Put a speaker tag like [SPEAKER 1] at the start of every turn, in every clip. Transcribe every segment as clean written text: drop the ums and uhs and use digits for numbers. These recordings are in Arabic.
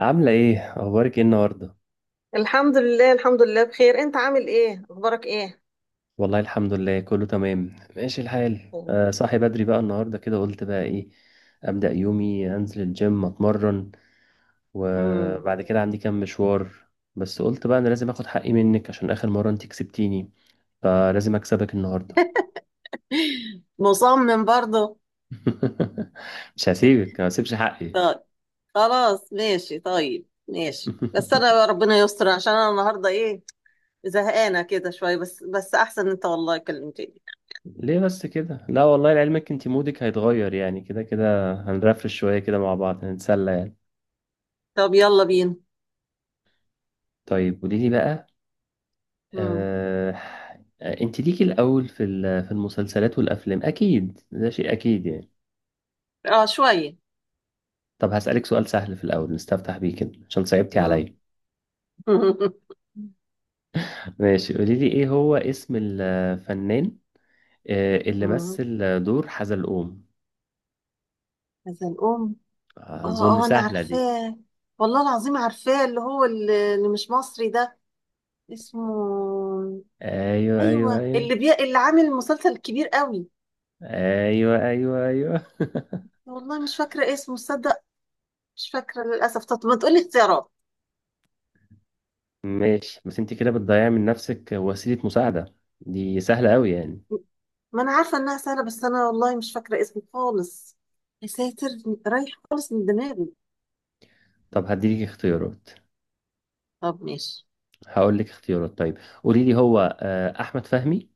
[SPEAKER 1] عاملة ايه؟ اخبارك ايه النهاردة؟
[SPEAKER 2] الحمد لله الحمد لله، بخير. انت عامل ايه؟ اخبارك ايه؟
[SPEAKER 1] والله الحمد لله، كله تمام، ماشي الحال. صاحي بدري بقى النهاردة كده، قلت بقى ايه ابدأ يومي، انزل الجيم اتمرن،
[SPEAKER 2] مم.
[SPEAKER 1] وبعد كده عندي كام مشوار. بس قلت بقى انا لازم اخد حقي منك، عشان اخر مرة انت كسبتيني، فلازم اكسبك النهاردة.
[SPEAKER 2] مصمم برضه؟
[SPEAKER 1] مش هسيبك، ما هسيبش حقي.
[SPEAKER 2] طيب خلاص ماشي، طيب ماشي. بس انا ربنا يستر، عشان انا النهارده ايه، زهقانه كده شويه. بس احسن انت والله كلمتني.
[SPEAKER 1] ليه بس كده؟ لا والله، لعلمك انت مودك هيتغير يعني، كده كده هنرفرش شوية كده مع بعض، هنتسلى يعني.
[SPEAKER 2] طب يلا بينا.
[SPEAKER 1] طيب، قولي لي بقى.
[SPEAKER 2] مم.
[SPEAKER 1] آه... انت ليكي الاول في المسلسلات والافلام، اكيد ده شيء اكيد يعني.
[SPEAKER 2] اه شويه.
[SPEAKER 1] طب هسألك سؤال سهل في الاول نستفتح بيه كده، عشان صعبتي
[SPEAKER 2] مم.
[SPEAKER 1] عليا. ماشي، قولي لي ايه هو اسم الفنان اللي
[SPEAKER 2] مم.
[SPEAKER 1] مثل دور حزلقوم؟
[SPEAKER 2] هذا الام.
[SPEAKER 1] اظن
[SPEAKER 2] اه اه انا
[SPEAKER 1] سهلة دي.
[SPEAKER 2] عارفاه، والله العظيم عارفاه، اللي هو اللي مش مصري ده، اسمه
[SPEAKER 1] ايوه، ايوه،
[SPEAKER 2] ايوه،
[SPEAKER 1] ايوه،
[SPEAKER 2] اللي عامل مسلسل كبير قوي.
[SPEAKER 1] ايوه، ايوه، ايوه.
[SPEAKER 2] والله مش فاكره اسمه تصدق. مش فاكره للاسف، طب ما تقولي اختيارات.
[SPEAKER 1] ماشي، بس انت كده بتضيعي من نفسك وسيلة مساعدة، دي سهلة قوي يعني.
[SPEAKER 2] ما انا عارفه انها سهله، بس انا والله مش فاكره اسمه خالص. يا ساتر، رايح خالص من دماغي.
[SPEAKER 1] طب هديلك اختيارات،
[SPEAKER 2] طب ماشي.
[SPEAKER 1] هقول لك اختيارات. طيب، قولي لي هو احمد فهمي،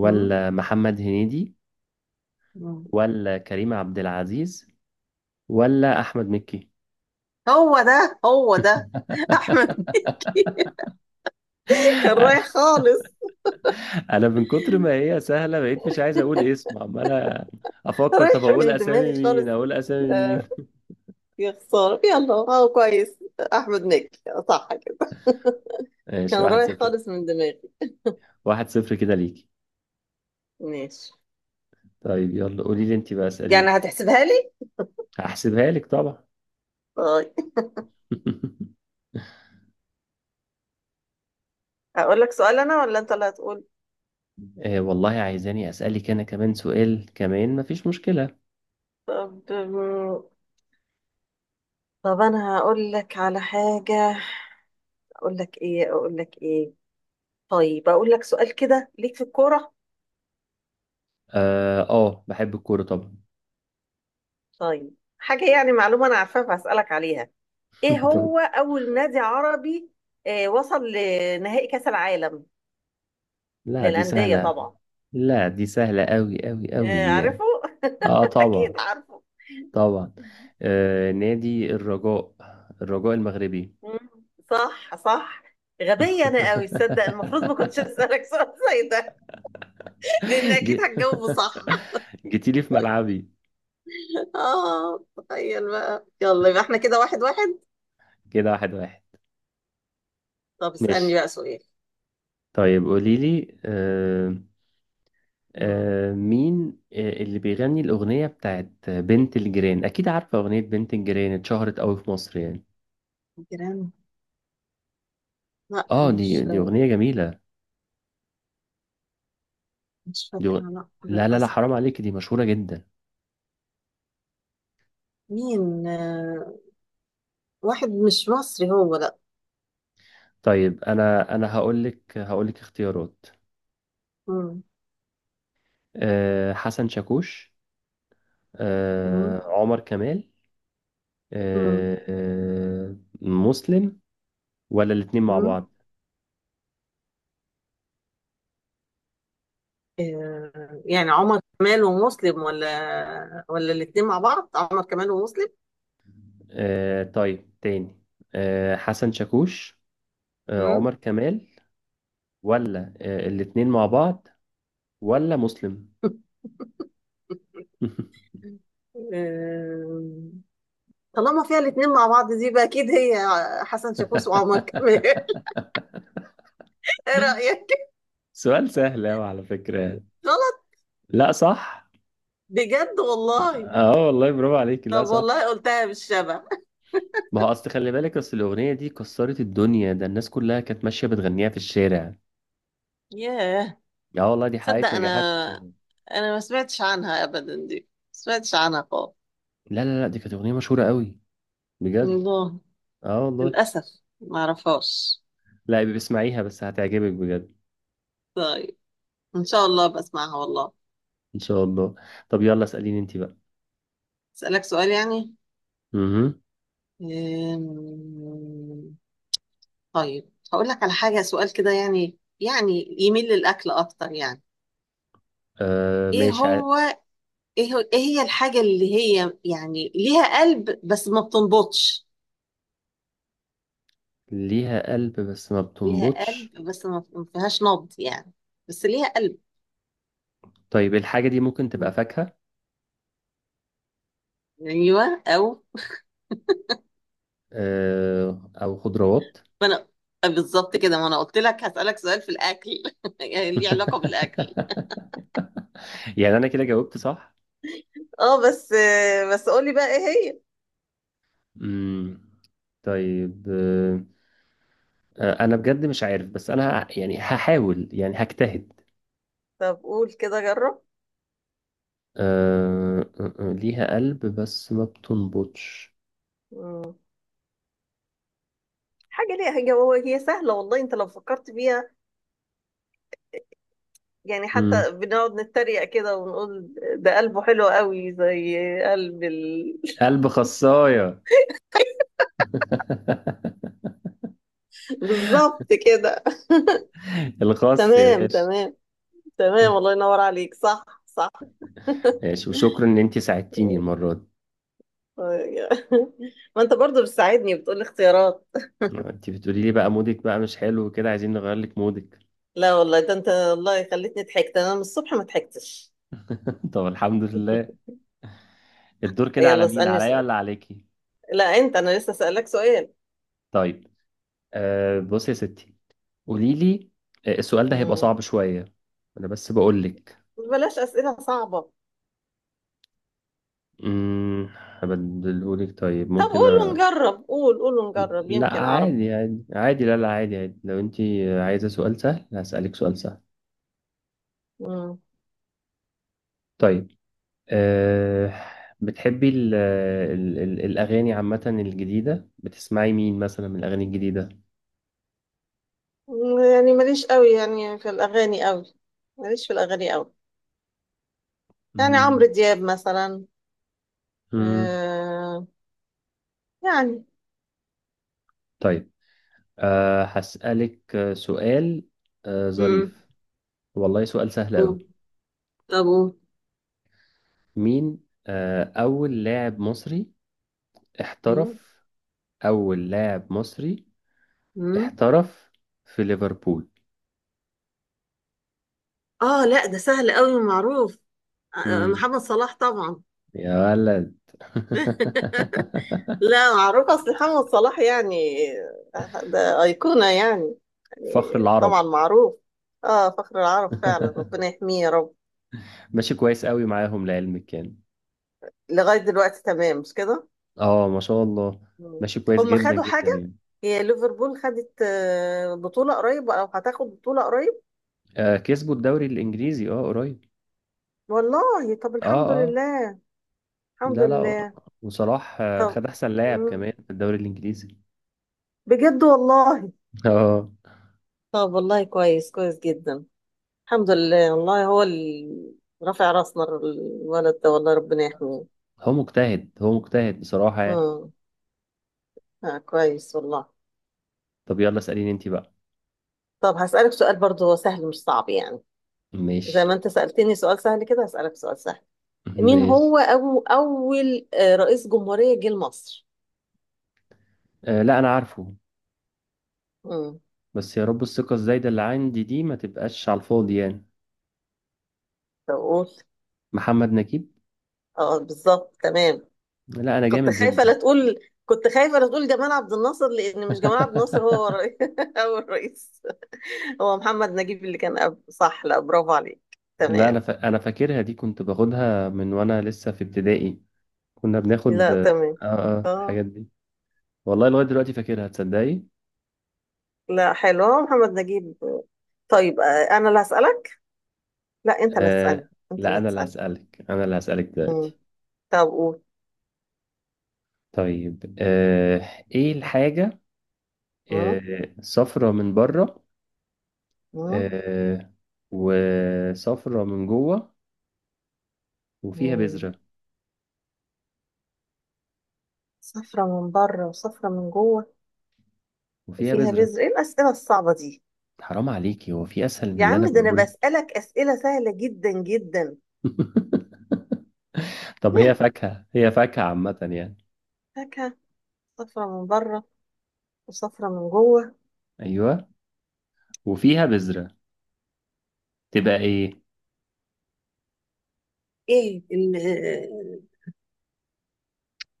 [SPEAKER 2] مم.
[SPEAKER 1] محمد هنيدي،
[SPEAKER 2] مم.
[SPEAKER 1] ولا كريم عبد العزيز، ولا احمد مكي؟
[SPEAKER 2] هو ده هو ده. احمد مكي، كان رايح خالص،
[SPEAKER 1] انا من كتر ما هي سهله بقيت مش عايز اقول اسم، عمال افكر، طب
[SPEAKER 2] رايح
[SPEAKER 1] اقول
[SPEAKER 2] من
[SPEAKER 1] اسامي
[SPEAKER 2] دماغي
[SPEAKER 1] مين
[SPEAKER 2] خالص.
[SPEAKER 1] اقول اسامي مين.
[SPEAKER 2] آه، يا خساره، يلا هو كويس. احمد مكي، صح كده. كان
[SPEAKER 1] ماشي، واحد
[SPEAKER 2] رايح
[SPEAKER 1] صفر
[SPEAKER 2] خالص من دماغي.
[SPEAKER 1] 1-0 كده ليكي.
[SPEAKER 2] ماشي.
[SPEAKER 1] طيب يلا قولي لي انت بقى،
[SPEAKER 2] يعني
[SPEAKER 1] اساليني.
[SPEAKER 2] هتحسبها لي؟
[SPEAKER 1] هحسبها لك طبعا.
[SPEAKER 2] طيب. اقول لك سؤال انا ولا انت اللي هتقول؟
[SPEAKER 1] آه والله، عايزاني اسالك انا كمان سؤال، كمان مفيش مشكله.
[SPEAKER 2] طب، طب انا هقول لك على حاجة. اقول لك ايه؟ اقول لك ايه؟ طيب اقول لك سؤال كده ليك في الكورة.
[SPEAKER 1] اه، بحب الكورة طبعا.
[SPEAKER 2] طيب حاجة يعني معلومة انا عارفاها، فهسألك عليها. ايه
[SPEAKER 1] طب،
[SPEAKER 2] هو اول نادي عربي وصل لنهائي كأس العالم
[SPEAKER 1] لا دي
[SPEAKER 2] للأندية
[SPEAKER 1] سهلة،
[SPEAKER 2] طبعا؟
[SPEAKER 1] لا دي سهلة أوي أوي أوي، دي يعني.
[SPEAKER 2] عارفه.
[SPEAKER 1] اه طبعا،
[SPEAKER 2] اكيد عارفه.
[SPEAKER 1] طبعا، نادي الرجاء، الرجاء المغربي.
[SPEAKER 2] مم. صح صح. غبية انا قوي تصدق، المفروض ما كنتش اسألك سؤال زي ده. لان اكيد
[SPEAKER 1] جي-
[SPEAKER 2] هتجاوبه صح.
[SPEAKER 1] جيتيلي في ملعبي.
[SPEAKER 2] اه تخيل بقى، يلا يبقى احنا كده واحد واحد.
[SPEAKER 1] كده 1-1.
[SPEAKER 2] طب اسألني
[SPEAKER 1] ماشي،
[SPEAKER 2] بقى سؤال.
[SPEAKER 1] طيب قوليلي.
[SPEAKER 2] مم.
[SPEAKER 1] مين اللي بيغني الأغنية بتاعت بنت الجيران؟ أكيد عارفة، أغنية بنت الجيران اتشهرت أوي في مصر يعني.
[SPEAKER 2] جيران؟ لا،
[SPEAKER 1] اه،
[SPEAKER 2] مش
[SPEAKER 1] دي أغنية جميلة.
[SPEAKER 2] مش
[SPEAKER 1] دي غ-
[SPEAKER 2] فاكرة لا
[SPEAKER 1] لا، لا، لا،
[SPEAKER 2] للأسف.
[SPEAKER 1] حرام عليك، دي مشهورة جدا.
[SPEAKER 2] مين واحد مش مصري هو، لا.
[SPEAKER 1] طيب، انا هقول لك اختيارات.
[SPEAKER 2] مم.
[SPEAKER 1] حسن شاكوش،
[SPEAKER 2] مم.
[SPEAKER 1] عمر كمال،
[SPEAKER 2] مم.
[SPEAKER 1] أه أه مسلم، ولا الاتنين مع
[SPEAKER 2] مم.
[SPEAKER 1] بعض؟
[SPEAKER 2] يعني عمر كمال ومسلم، ولا الاتنين مع بعض؟ عمر كمال ومسلم.
[SPEAKER 1] طيب، تاني: حسن شاكوش،
[SPEAKER 2] مم.
[SPEAKER 1] عمر كمال، ولا الاتنين مع بعض، ولا مسلم؟
[SPEAKER 2] آه، طالما فيها الاتنين مع بعض دي بقى، أكيد هي حسن شاكوش وعمر كمال. ايه رأيك؟
[SPEAKER 1] سؤال سهل أوي على فكرة.
[SPEAKER 2] غلط؟
[SPEAKER 1] لا صح.
[SPEAKER 2] بجد والله.
[SPEAKER 1] اه والله، برافو عليك، لا
[SPEAKER 2] طب
[SPEAKER 1] صح.
[SPEAKER 2] والله قلتها بالشبه.
[SPEAKER 1] ما هو اصل، خلي بالك، اصل الاغنيه دي كسرت الدنيا، ده الناس كلها كانت ماشيه بتغنيها في الشارع.
[SPEAKER 2] ياه.
[SPEAKER 1] يا والله، دي
[SPEAKER 2] تصدق
[SPEAKER 1] حققت نجاحات.
[SPEAKER 2] انا، انا ما سمعتش عنها ابدا، دي ما سمعتش عنها خالص.
[SPEAKER 1] لا، لا، لا، دي كانت اغنيه مشهوره قوي، بجد.
[SPEAKER 2] الله.
[SPEAKER 1] اه والله.
[SPEAKER 2] للاسف ما اعرفهاش.
[SPEAKER 1] لا بسمعيها بس هتعجبك بجد.
[SPEAKER 2] طيب ان شاء الله بسمعها والله.
[SPEAKER 1] ان شاء الله. طب يلا اساليني انت بقى.
[SPEAKER 2] اسالك سؤال يعني؟
[SPEAKER 1] امم
[SPEAKER 2] أم، طيب هقول لك على حاجه، سؤال كده يعني، يعني يميل للاكل اكتر يعني.
[SPEAKER 1] آه
[SPEAKER 2] ايه
[SPEAKER 1] ماشي،
[SPEAKER 2] هو، إيه هي الحاجه اللي هي يعني ليها قلب بس ما بتنبضش؟
[SPEAKER 1] ليها قلب بس ما
[SPEAKER 2] ليها قلب
[SPEAKER 1] بتنبضش؟
[SPEAKER 2] بس ما فيهاش نبض يعني، بس ليها قلب.
[SPEAKER 1] طيب الحاجه دي ممكن تبقى فاكهه،
[SPEAKER 2] ايوه، او
[SPEAKER 1] او خضروات.
[SPEAKER 2] ما انا، بالظبط كده، ما انا قلت لك هسألك سؤال في الاكل. يعني ليه علاقة بالاكل.
[SPEAKER 1] يعني انا كده جاوبت صح.
[SPEAKER 2] اه بس، بس قولي بقى ايه هي.
[SPEAKER 1] امم طيب. انا بجد مش عارف، بس انا يعني هحاول، يعني هجتهد.
[SPEAKER 2] طب قول كده جرب.
[SPEAKER 1] أه أه، أه، ليها قلب بس ما بتنبضش.
[SPEAKER 2] مم. حاجة ليها، هي هو هي سهلة والله انت لو فكرت فيها، يعني
[SPEAKER 1] مم.
[SPEAKER 2] حتى بنقعد نتريق كده ونقول ده قلبه حلو قوي، زي قلب
[SPEAKER 1] قلب خصاية.
[SPEAKER 2] بالظبط كده.
[SPEAKER 1] الخاص يا
[SPEAKER 2] تمام
[SPEAKER 1] باشا.
[SPEAKER 2] تمام. تمام الله ينور عليك، صح صح.
[SPEAKER 1] ماشي، وشكرا ان انت ساعدتيني المرة دي.
[SPEAKER 2] ما انت برضو بتساعدني، بتقول اختيارات.
[SPEAKER 1] انت بتقولي لي بقى مودك بقى مش حلو وكده، عايزين نغير لك مودك.
[SPEAKER 2] لا والله، ده انت والله خليتني ضحكت، انا من الصبح ما ضحكتش.
[SPEAKER 1] طب الحمد لله. الدور كده على
[SPEAKER 2] يلا
[SPEAKER 1] مين،
[SPEAKER 2] اسألني
[SPEAKER 1] عليا
[SPEAKER 2] سؤال.
[SPEAKER 1] ولا عليكي؟
[SPEAKER 2] لا، انت انا لسه اسألك سؤال.
[SPEAKER 1] طيب. بصي يا ستي، قولي لي. السؤال ده هيبقى
[SPEAKER 2] مم.
[SPEAKER 1] صعب شوية. انا بس بقول لك.
[SPEAKER 2] بلاش اسئلة صعبة.
[SPEAKER 1] هبدلهولك طيب،
[SPEAKER 2] طب
[SPEAKER 1] ممكن
[SPEAKER 2] قول ونجرب، قول قول ونجرب،
[SPEAKER 1] لا
[SPEAKER 2] يمكن اعرف.
[SPEAKER 1] عادي عادي عادي، لا لا عادي عادي، لو انت عايزة سؤال سهل هسألك سؤال سهل.
[SPEAKER 2] مم.
[SPEAKER 1] طيب. أه... بتحبي الأغاني عامة الجديدة، بتسمعي مين مثلا من الأغاني الجديدة؟
[SPEAKER 2] يعني ماليش قوي يعني في الاغاني قوي، ماليش في الاغاني قوي، يعني عمرو
[SPEAKER 1] امم
[SPEAKER 2] دياب مثلا.
[SPEAKER 1] امم
[SPEAKER 2] آه يعني.
[SPEAKER 1] طيب. هسألك سؤال
[SPEAKER 2] مم.
[SPEAKER 1] ظريف. والله سؤال سهل أوي.
[SPEAKER 2] قول. طب قول.
[SPEAKER 1] مين أول لاعب مصري
[SPEAKER 2] ايوه.
[SPEAKER 1] احترف، أول لاعب مصري
[SPEAKER 2] مم.
[SPEAKER 1] احترف في ليفربول؟
[SPEAKER 2] اه لا، ده سهل قوي ومعروف.
[SPEAKER 1] امم.
[SPEAKER 2] محمد صلاح طبعا.
[SPEAKER 1] يا ولد.
[SPEAKER 2] لا، معروف، اصل محمد صلاح يعني ده أيقونة يعني،
[SPEAKER 1] فخر
[SPEAKER 2] يعني طبعا
[SPEAKER 1] العرب.
[SPEAKER 2] معروف. اه فخر العرب فعلا، ربنا يحميه يا رب.
[SPEAKER 1] ماشي، كويس قوي معاهم لعلمك يعني.
[SPEAKER 2] لغاية دلوقتي تمام مش كده؟
[SPEAKER 1] اه ما شاء الله.
[SPEAKER 2] مم.
[SPEAKER 1] ماشي كويس
[SPEAKER 2] هم
[SPEAKER 1] جدا
[SPEAKER 2] خدوا
[SPEAKER 1] جدا
[SPEAKER 2] حاجة؟
[SPEAKER 1] يعني.
[SPEAKER 2] هي ليفربول خدت بطولة قريب، او هتاخد بطولة قريب؟
[SPEAKER 1] آه، كسبوا الدوري الانجليزي، اه، قريب.
[SPEAKER 2] والله طب
[SPEAKER 1] اه
[SPEAKER 2] الحمد
[SPEAKER 1] اه.
[SPEAKER 2] لله. الحمد
[SPEAKER 1] لا لا.
[SPEAKER 2] لله.
[SPEAKER 1] وصلاح
[SPEAKER 2] طب.
[SPEAKER 1] خد احسن لاعب
[SPEAKER 2] مم.
[SPEAKER 1] كمان في الدوري الانجليزي.
[SPEAKER 2] بجد والله؟
[SPEAKER 1] اه.
[SPEAKER 2] طب والله كويس، كويس جدا. الحمد لله والله، هو اللي رافع راسنا الولد ده والله، ربنا يحميه.
[SPEAKER 1] هو مجتهد، هو مجتهد بصراحة يعني.
[SPEAKER 2] امم. آه كويس والله.
[SPEAKER 1] طب يلا اسأليني انت بقى.
[SPEAKER 2] طب هسألك سؤال برضه سهل مش صعب يعني، زي
[SPEAKER 1] ماشي،
[SPEAKER 2] ما انت سألتني سؤال سهل كده هسألك سؤال سهل. مين
[SPEAKER 1] ماشي.
[SPEAKER 2] هو، أو أول رئيس جمهورية جه لمصر؟
[SPEAKER 1] آه، لا انا عارفه،
[SPEAKER 2] امم.
[SPEAKER 1] بس يا رب الثقة الزايدة اللي عندي دي ما تبقاش على الفاضي يعني.
[SPEAKER 2] طب قول.
[SPEAKER 1] محمد نجيب.
[SPEAKER 2] اه، بالظبط تمام.
[SPEAKER 1] لا أنا
[SPEAKER 2] كنت
[SPEAKER 1] جامد
[SPEAKER 2] خايفة لا
[SPEAKER 1] جدا.
[SPEAKER 2] تقول، كنت خايفة لا تقول جمال عبد الناصر، لأن مش جمال عبد الناصر هو رئيس، أول رئيس هو محمد نجيب اللي كان قبل، صح، لا برافو عليك.
[SPEAKER 1] لا
[SPEAKER 2] تمام.
[SPEAKER 1] أنا فاكرها دي، كنت باخدها من وأنا لسه في ابتدائي. كنا بناخد
[SPEAKER 2] لا تمام، اه.
[SPEAKER 1] الحاجات دي. والله لغاية دلوقتي فاكرها، تصدقي.
[SPEAKER 2] لا حلو، محمد نجيب. طيب انا اللي هسألك. لا انت اللي
[SPEAKER 1] آه،
[SPEAKER 2] هتسألني، انت
[SPEAKER 1] لا،
[SPEAKER 2] اللي
[SPEAKER 1] أنا اللي
[SPEAKER 2] هتسألني.
[SPEAKER 1] هسألك، أنا اللي هسألك
[SPEAKER 2] مم.
[SPEAKER 1] دلوقتي.
[SPEAKER 2] طب قول.
[SPEAKER 1] طيب. إيه الحاجة
[SPEAKER 2] مم.
[SPEAKER 1] صفرة من بره،
[SPEAKER 2] مم.
[SPEAKER 1] آه وصفرة من جوه، وفيها
[SPEAKER 2] مم.
[SPEAKER 1] بذرة،
[SPEAKER 2] صفرة من بره وصفرة من جوه
[SPEAKER 1] وفيها
[SPEAKER 2] وفيها
[SPEAKER 1] بذرة؟
[SPEAKER 2] بذر. ايه الأسئلة الصعبة دي؟
[SPEAKER 1] حرام عليكي، هو في اسهل من
[SPEAKER 2] يا
[SPEAKER 1] اللي
[SPEAKER 2] عم،
[SPEAKER 1] انا
[SPEAKER 2] ده انا
[SPEAKER 1] بقوله لك؟
[SPEAKER 2] بسألك أسئلة سهلة جدا جدا.
[SPEAKER 1] طب، هي فاكهه، هي فاكهه عامه يعني.
[SPEAKER 2] فاكهة؟ صفرة من بره وصفرة من جوه.
[SPEAKER 1] ايوه، وفيها بذره، تبقى ايه؟
[SPEAKER 2] ايه ال-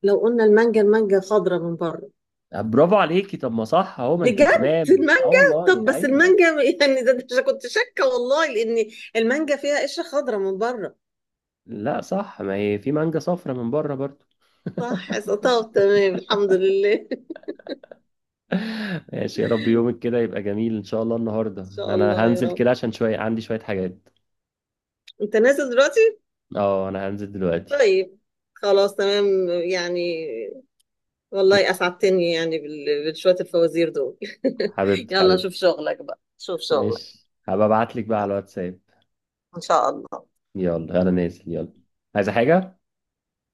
[SPEAKER 2] لو قلنا المانجا، المانجا خضرة من بره.
[SPEAKER 1] برافو عليكي، طب ما صح اهو، ما انت
[SPEAKER 2] بجد
[SPEAKER 1] تمام، اه
[SPEAKER 2] المانجا؟ طب
[SPEAKER 1] والله
[SPEAKER 2] بس
[SPEAKER 1] ايوه.
[SPEAKER 2] المانجا يعني ده كنت شاكه والله، لان المانجا فيها قشره خضراء من بره.
[SPEAKER 1] لا صح، ما هي في مانجا صفرا من بره برضو.
[SPEAKER 2] صح طب تمام، الحمد لله. ان
[SPEAKER 1] ماشي، يا رب يومك كده يبقى جميل ان شاء الله. النهارده
[SPEAKER 2] شاء
[SPEAKER 1] انا
[SPEAKER 2] الله يا
[SPEAKER 1] هنزل
[SPEAKER 2] رب.
[SPEAKER 1] كده عشان شويه، عندي شويه حاجات.
[SPEAKER 2] انت نازل دلوقتي؟
[SPEAKER 1] اه انا هنزل دلوقتي.
[SPEAKER 2] طيب خلاص تمام. يعني والله
[SPEAKER 1] ماشي،
[SPEAKER 2] اسعدتني يعني بشويه الفوازير دول.
[SPEAKER 1] حبيبتي،
[SPEAKER 2] يلا شوف
[SPEAKER 1] حبيبتي.
[SPEAKER 2] شغلك بقى، شوف شغلك.
[SPEAKER 1] ماشي، هبقى ابعت لك بقى
[SPEAKER 2] يلا
[SPEAKER 1] على الواتساب.
[SPEAKER 2] ان شاء الله.
[SPEAKER 1] يلا انا نازل. يلا، عايزه حاجه؟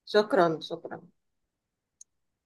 [SPEAKER 2] شكرا شكرا.